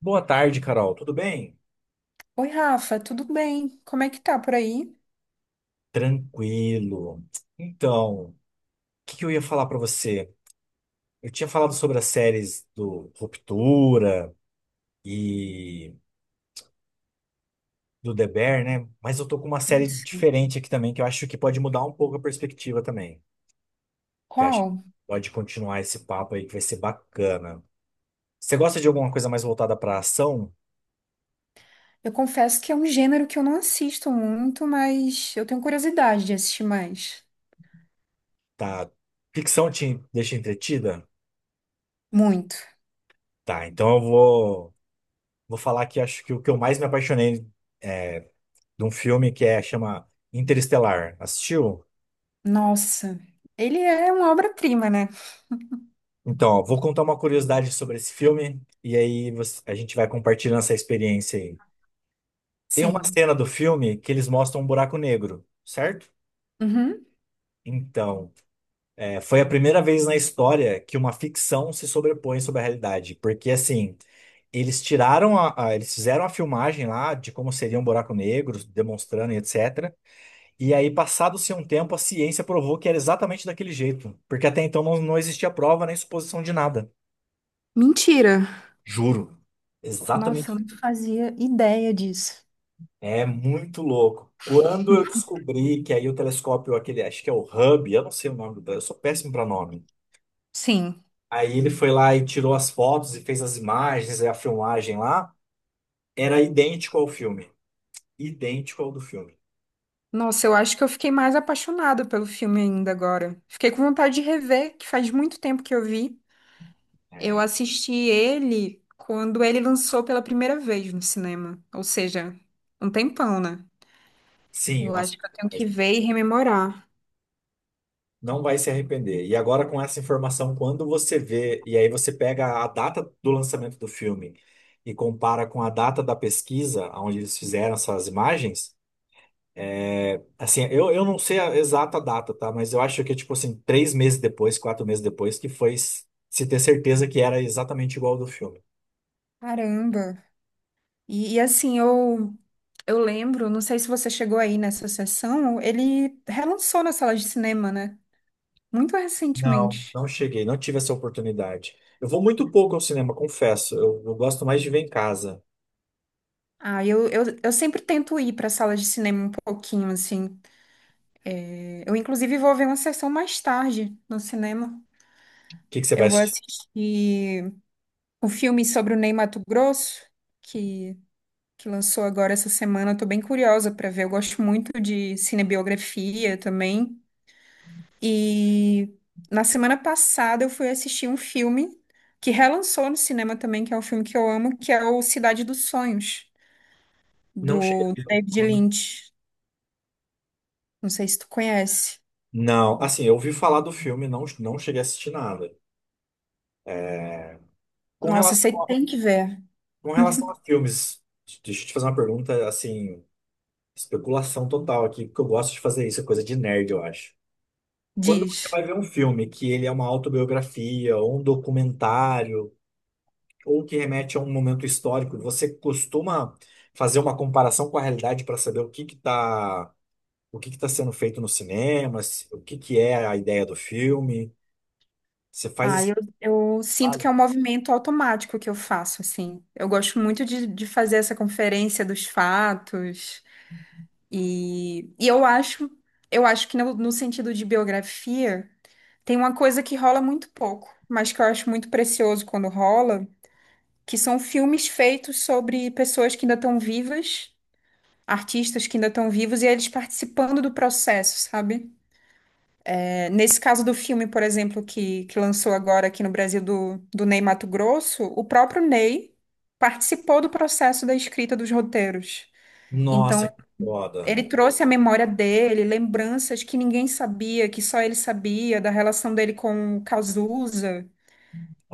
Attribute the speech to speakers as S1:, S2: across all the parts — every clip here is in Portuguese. S1: Boa tarde, Carol. Tudo bem?
S2: Oi, Rafa, tudo bem? Como é que tá por aí?
S1: Tranquilo. Então, o que que eu ia falar pra você? Eu tinha falado sobre as séries do Ruptura e do The Bear, né? Mas eu tô com uma série
S2: Isso.
S1: diferente aqui também, que eu acho que pode mudar um pouco a perspectiva também. Que eu acho que
S2: Qual?
S1: pode continuar esse papo aí, que vai ser bacana. Você gosta de alguma coisa mais voltada pra ação?
S2: Eu confesso que é um gênero que eu não assisto muito, mas eu tenho curiosidade de assistir mais.
S1: Tá? Ficção te deixa entretida?
S2: Muito.
S1: Tá, então vou falar que acho que o que eu mais me apaixonei, é, de um filme que é chama Interestelar. Assistiu?
S2: Nossa, ele é uma obra-prima, né?
S1: Então, ó, vou contar uma curiosidade sobre esse filme e a gente vai compartilhando essa experiência aí. Tem uma
S2: Sim.
S1: cena do filme que eles mostram um buraco negro, certo?
S2: Uhum.
S1: Então, foi a primeira vez na história que uma ficção se sobrepõe sobre a realidade, porque assim, eles tiraram eles fizeram a filmagem lá de como seria um buraco negro, demonstrando e etc. E aí, passado-se um tempo, a ciência provou que era exatamente daquele jeito, porque até então não existia prova nem suposição de nada.
S2: Mentira.
S1: Juro.
S2: Nossa, eu
S1: Exatamente.
S2: não fazia ideia disso.
S1: É muito louco. Quando eu descobri que aí o telescópio, aquele, acho que é o Hubble, eu não sei o nome do telescópio, eu sou péssimo para nome.
S2: Sim.
S1: Aí ele foi lá e tirou as fotos e fez as imagens, a filmagem lá, era idêntico ao filme. Idêntico ao do filme.
S2: Nossa, eu acho que eu fiquei mais apaixonada pelo filme ainda agora. Fiquei com vontade de rever, que faz muito tempo que eu vi. Eu
S1: É,
S2: assisti ele quando ele lançou pela primeira vez no cinema. Ou seja, um tempão, né?
S1: Sim,
S2: Eu
S1: nossa.
S2: acho que eu tenho que ver e rememorar.
S1: Não vai se arrepender. E agora, com essa informação, quando você vê, e aí você pega a data do lançamento do filme e compara com a data da pesquisa, onde eles fizeram essas imagens, eu não sei a exata data, tá? Mas eu acho que, tipo assim, três meses depois, quatro meses depois, que foi se ter certeza que era exatamente igual ao do filme.
S2: Caramba! E assim, eu lembro, não sei se você chegou aí nessa sessão, ele relançou na sala de cinema, né? Muito recentemente.
S1: Não cheguei, não tive essa oportunidade. Eu vou muito pouco ao cinema, confesso. Eu gosto mais de ver em casa.
S2: Ah, eu sempre tento ir para sala de cinema um pouquinho, assim. Eu, inclusive, vou ver uma sessão mais tarde no cinema.
S1: O que que você vai
S2: Eu vou
S1: assistir?
S2: assistir o filme sobre o Ney Matogrosso, que, que lançou agora essa semana. Eu tô bem curiosa para ver. Eu gosto muito de cinebiografia também. E na semana passada eu fui assistir um filme que relançou no cinema também, que é um filme que eu amo, que é o Cidade dos Sonhos,
S1: Não cheguei a
S2: do
S1: ver o
S2: David
S1: filme.
S2: Lynch. Não sei se tu conhece.
S1: Não, assim, eu ouvi falar do filme, não cheguei a assistir nada. Com
S2: Nossa,
S1: relação
S2: você
S1: a,
S2: tem que ver.
S1: com relação a filmes, deixa eu te fazer uma pergunta, assim, especulação total aqui, porque eu gosto de fazer isso, é coisa de nerd, eu acho. Quando você
S2: Diz.
S1: vai ver um filme que ele é uma autobiografia, ou um documentário, ou que remete a um momento histórico, você costuma fazer uma comparação com a realidade para saber o que que tá sendo feito no cinema, o que que é a ideia do filme? Você faz
S2: Ah, eu,
S1: esse
S2: eu sinto que
S1: trabalho?
S2: é um movimento automático que eu faço, assim. Eu gosto muito de fazer essa conferência dos fatos. E eu acho que no sentido de biografia, tem uma coisa que rola muito pouco, mas que eu acho muito precioso quando rola, que são filmes feitos sobre pessoas que ainda estão vivas, artistas que ainda estão vivos, e eles participando do processo, sabe? Nesse caso do filme, por exemplo, que lançou agora aqui no Brasil do Ney Matogrosso, o próprio Ney participou do processo da escrita dos roteiros.
S1: Nossa,
S2: Então,
S1: que foda.
S2: ele trouxe a memória dele, lembranças que ninguém sabia, que só ele sabia, da relação dele com o Cazuza.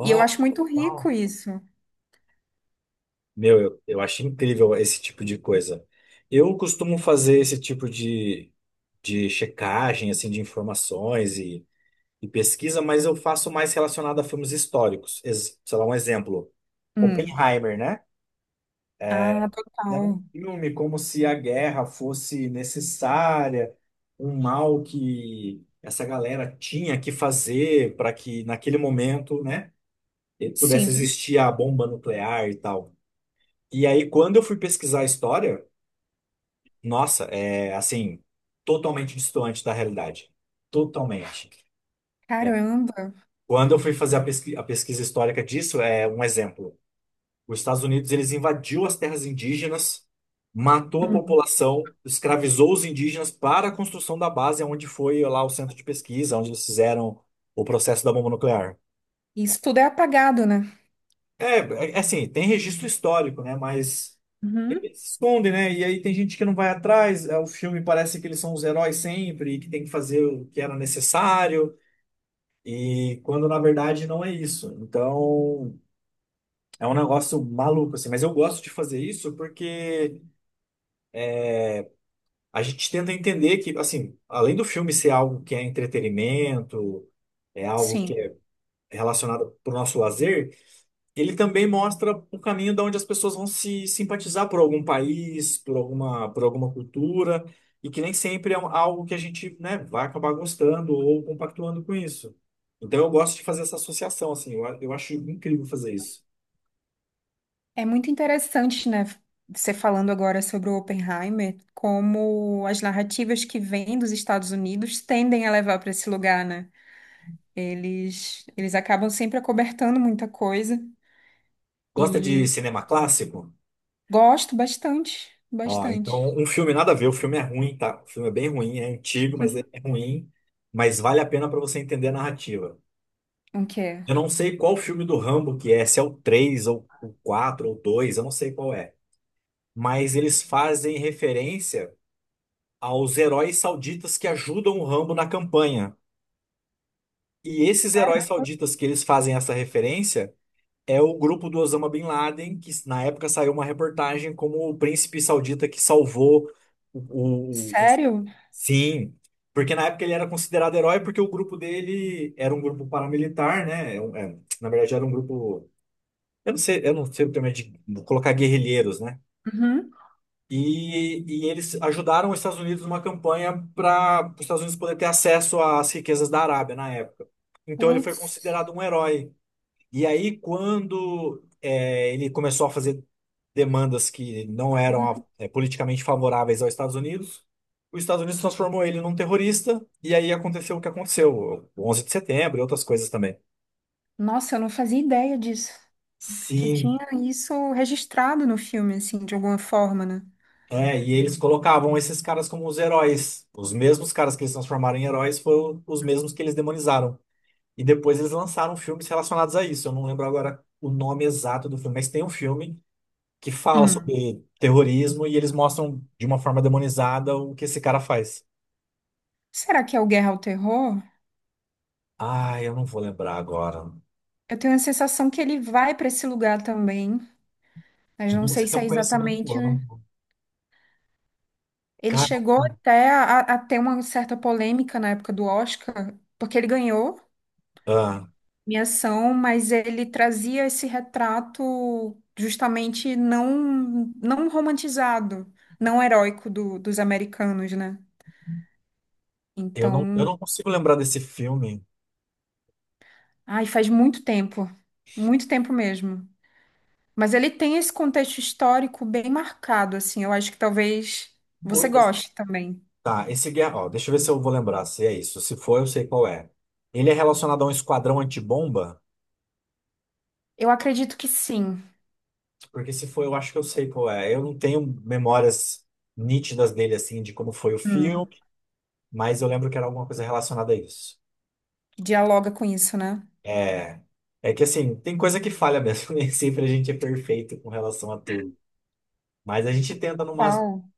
S2: E eu acho muito
S1: ó.
S2: rico isso.
S1: Meu, eu acho incrível esse tipo de coisa. Eu costumo fazer esse de checagem, assim, e pesquisa, mas eu faço mais relacionado a filmes históricos. Sei lá, um exemplo.
S2: Hum.
S1: Oppenheimer, né?
S2: Ah,
S1: Era um
S2: total.
S1: filme como se a guerra fosse necessária, um mal que essa galera tinha que fazer para que naquele momento, né, pudesse
S2: Sim.
S1: existir a bomba nuclear e tal. E aí, quando eu fui pesquisar a história, nossa, é assim, totalmente distante da realidade. Totalmente. É,
S2: Caramba.
S1: Quando eu fui fazer a pesquisa histórica disso, é um exemplo. Os Estados Unidos, eles invadiu as terras indígenas, matou a
S2: Hum.
S1: população, escravizou os indígenas para a construção da base, onde foi lá o centro de pesquisa, onde eles fizeram o processo da bomba nuclear.
S2: Isso tudo é apagado, né?
S1: É, assim, tem registro histórico, né? Mas
S2: Uhum.
S1: ele se esconde, né? E aí tem gente que não vai atrás. O filme parece que eles são os heróis sempre, e que tem que fazer o que era necessário, e quando na verdade não é isso. Então é um negócio maluco, assim. Mas eu gosto de fazer isso porque a gente tenta entender que, assim, além do filme ser algo que é entretenimento, é algo que
S2: Sim.
S1: é relacionado para o nosso lazer. Ele também mostra o caminho de onde as pessoas vão se simpatizar por algum país, por alguma cultura, e que nem sempre é algo que a gente, né, vai acabar gostando ou compactuando com isso. Então eu gosto de fazer essa associação, assim, eu acho incrível fazer isso.
S2: É muito interessante, né, você falando agora sobre o Oppenheimer, como as narrativas que vêm dos Estados Unidos tendem a levar para esse lugar, né? Eles acabam sempre acobertando muita coisa
S1: Gosta de
S2: e
S1: cinema clássico?
S2: gosto bastante,
S1: Ó,
S2: bastante.
S1: então um filme nada a ver, o filme é ruim, tá? O filme é bem ruim, é antigo, mas é ruim, mas vale a pena para você entender a narrativa.
S2: O quê?
S1: Eu não sei qual filme do Rambo que é, se é o 3 ou o 4 ou o 2, eu não sei qual é, mas eles fazem referência aos heróis sauditas que ajudam o Rambo na campanha. E esses heróis sauditas que eles fazem essa referência é o grupo do Osama Bin Laden, que na época saiu uma reportagem como o príncipe saudita que salvou os-
S2: Sério?
S1: Sim, porque na época ele era considerado herói porque o grupo dele era um grupo paramilitar, né? É na verdade era um grupo, eu não sei o termo é de colocar guerrilheiros, né?
S2: Uhum.
S1: E eles ajudaram os Estados Unidos numa campanha para os Estados Unidos poder ter acesso às riquezas da Arábia na época. Então ele foi
S2: Putz.
S1: considerado um herói. E aí, ele começou a fazer demandas que não
S2: Uhum.
S1: eram politicamente favoráveis aos Estados Unidos, os Estados Unidos transformou ele num terrorista, e aí aconteceu o que aconteceu, o 11 de setembro e outras coisas também.
S2: Nossa, eu não fazia ideia disso. Que tinha
S1: Sim.
S2: isso registrado no filme, assim, de alguma forma, né?
S1: É, e eles colocavam esses caras como os heróis. Os mesmos caras que eles transformaram em heróis foram os mesmos que eles demonizaram. E depois eles lançaram filmes relacionados a isso. Eu não lembro agora o nome exato do filme, mas tem um filme que fala
S2: Hum.
S1: sobre terrorismo e eles mostram de uma forma demonizada o que esse cara faz.
S2: Será que é o Guerra ao Terror?
S1: Ah, eu não vou lembrar agora.
S2: Eu tenho a sensação que ele vai para esse lugar também, mas
S1: Bom,
S2: não sei
S1: você
S2: se
S1: tem
S2: é
S1: um conhecimento
S2: exatamente.
S1: amplo.
S2: Ele chegou
S1: Caramba.
S2: até a ter uma certa polêmica na época do Oscar, porque ele ganhou
S1: Ah,
S2: minha ação, mas ele trazia esse retrato justamente não, não romantizado, não heróico do- dos americanos, né?
S1: eu
S2: Então,
S1: não consigo lembrar desse filme.
S2: ai, faz muito tempo mesmo. Mas ele tem esse contexto histórico bem marcado, assim. Eu acho que talvez você goste também.
S1: Tá, esse guerra, ó, deixa eu ver se eu vou lembrar se é isso. Se for, eu sei qual é. Ele é relacionado a um esquadrão antibomba?
S2: Eu acredito que sim.
S1: Porque se for, eu acho que eu sei qual é. Eu não tenho memórias nítidas dele, assim, de como foi o
S2: Hum.
S1: filme, mas eu lembro que era alguma coisa relacionada a isso.
S2: Dialoga com isso, né?
S1: É, é que, assim, tem coisa que falha mesmo. Nem sempre a gente é perfeito com relação a tudo. Mas a gente tenta numa...
S2: Qual?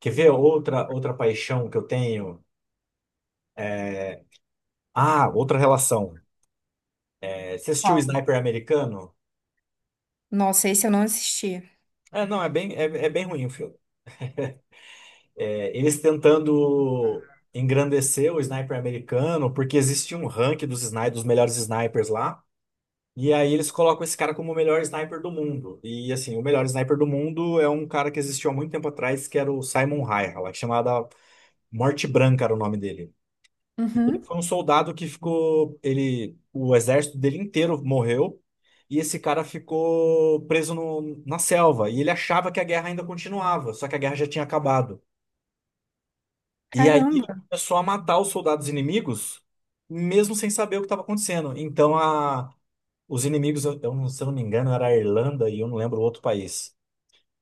S1: Quer ver outra paixão que eu tenho? Ah, outra relação. É, você assistiu o
S2: Qual?
S1: Sniper Americano?
S2: Nossa, esse eu não assisti.
S1: É, não, é bem, é bem ruim o filme. É, eles tentando engrandecer o sniper americano, porque existe um ranking dos melhores snipers lá. E aí eles colocam esse cara como o melhor sniper do mundo. E assim, o melhor sniper do mundo é um cara que existiu há muito tempo atrás, que era o Simon Hayek, lá, chamada Morte Branca era o nome dele. E ele
S2: Uhum.
S1: foi um soldado que ficou, ele, o exército dele inteiro morreu, e esse cara ficou preso na selva, e ele achava que a guerra ainda continuava, só que a guerra já tinha acabado. E aí ele
S2: Caramba.
S1: começou a matar os soldados inimigos, mesmo sem saber o que estava acontecendo. Então a, os inimigos, eu não- se eu não me engano, era a Irlanda e eu não lembro o outro país.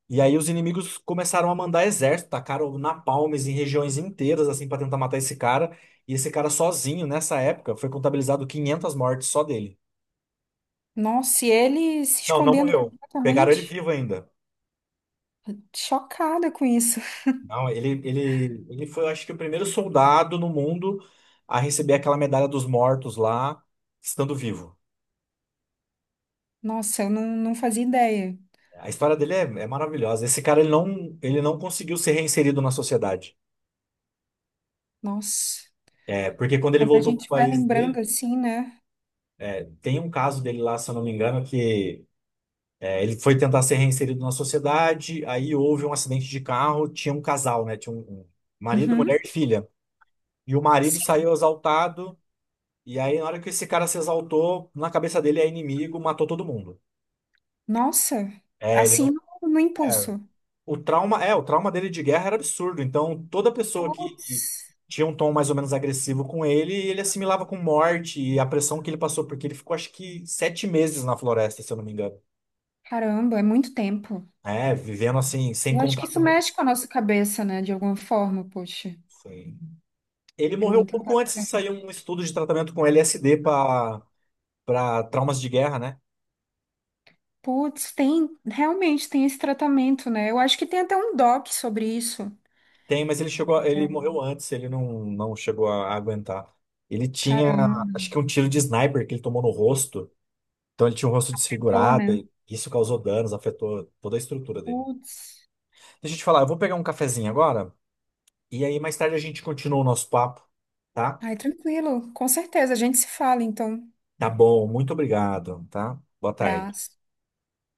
S1: E aí os inimigos começaram a mandar exército, tacaram napalmes em regiões inteiras assim para tentar matar esse cara. E esse cara sozinho, nessa época, foi contabilizado 500 mortes só dele.
S2: Nossa, e ele se
S1: Não
S2: escondendo
S1: morreu. Pegaram ele
S2: completamente.
S1: vivo ainda.
S2: Chocada com isso.
S1: Não, ele foi, eu acho que, o primeiro soldado no mundo a receber aquela medalha dos mortos lá, estando vivo.
S2: Nossa, eu não, não fazia ideia.
S1: A história dele é maravilhosa. Esse cara, ele não conseguiu ser reinserido na sociedade.
S2: Nossa.
S1: É, porque quando ele
S2: Quando a
S1: voltou pro
S2: gente vai
S1: país
S2: lembrando
S1: dele,
S2: assim, né?
S1: é, tem um caso dele lá, se eu não me engano, ele foi tentar ser reinserido na sociedade, aí houve um acidente de carro, tinha um casal, né? Tinha um marido,
S2: Uhum.
S1: mulher e filha. E o marido
S2: Sim.
S1: saiu exaltado, e aí na hora que esse cara se exaltou, na cabeça dele é inimigo, matou todo mundo.
S2: Nossa.
S1: É, ele
S2: Assim
S1: não.
S2: no
S1: é,
S2: impulso.
S1: O trauma, o trauma dele de guerra era absurdo. Então, toda pessoa que
S2: Putz.
S1: tinha um tom mais ou menos agressivo com ele, ele assimilava com morte e a pressão que ele passou, porque ele ficou acho que 7 meses na floresta, se eu não me engano.
S2: Caramba, é muito tempo.
S1: É, vivendo assim, sem
S2: Eu acho que isso
S1: contato nenhum.
S2: mexe com a nossa cabeça, né? De alguma forma, poxa.
S1: Foi- ele
S2: É
S1: morreu um
S2: muito
S1: pouco antes de
S2: impactante.
S1: sair um estudo de tratamento com LSD para traumas de guerra, né?
S2: Putz, tem, realmente tem esse tratamento, né? Eu acho que tem até um doc sobre isso.
S1: Tem, mas ele chegou, ele
S2: É.
S1: morreu antes, ele não, não chegou a aguentar. Ele tinha,
S2: Caramba,
S1: acho que um tiro de sniper que ele tomou no rosto. Então ele tinha um rosto
S2: tô,
S1: desfigurado
S2: né?
S1: e isso causou danos, afetou toda a estrutura dele.
S2: Putz.
S1: Deixa eu te falar, eu vou pegar um cafezinho agora e aí mais tarde a gente continua o nosso papo, tá?
S2: Ai, tranquilo, com certeza, a gente se fala, então.
S1: Tá bom, muito obrigado, tá? Boa tarde.
S2: Abraço.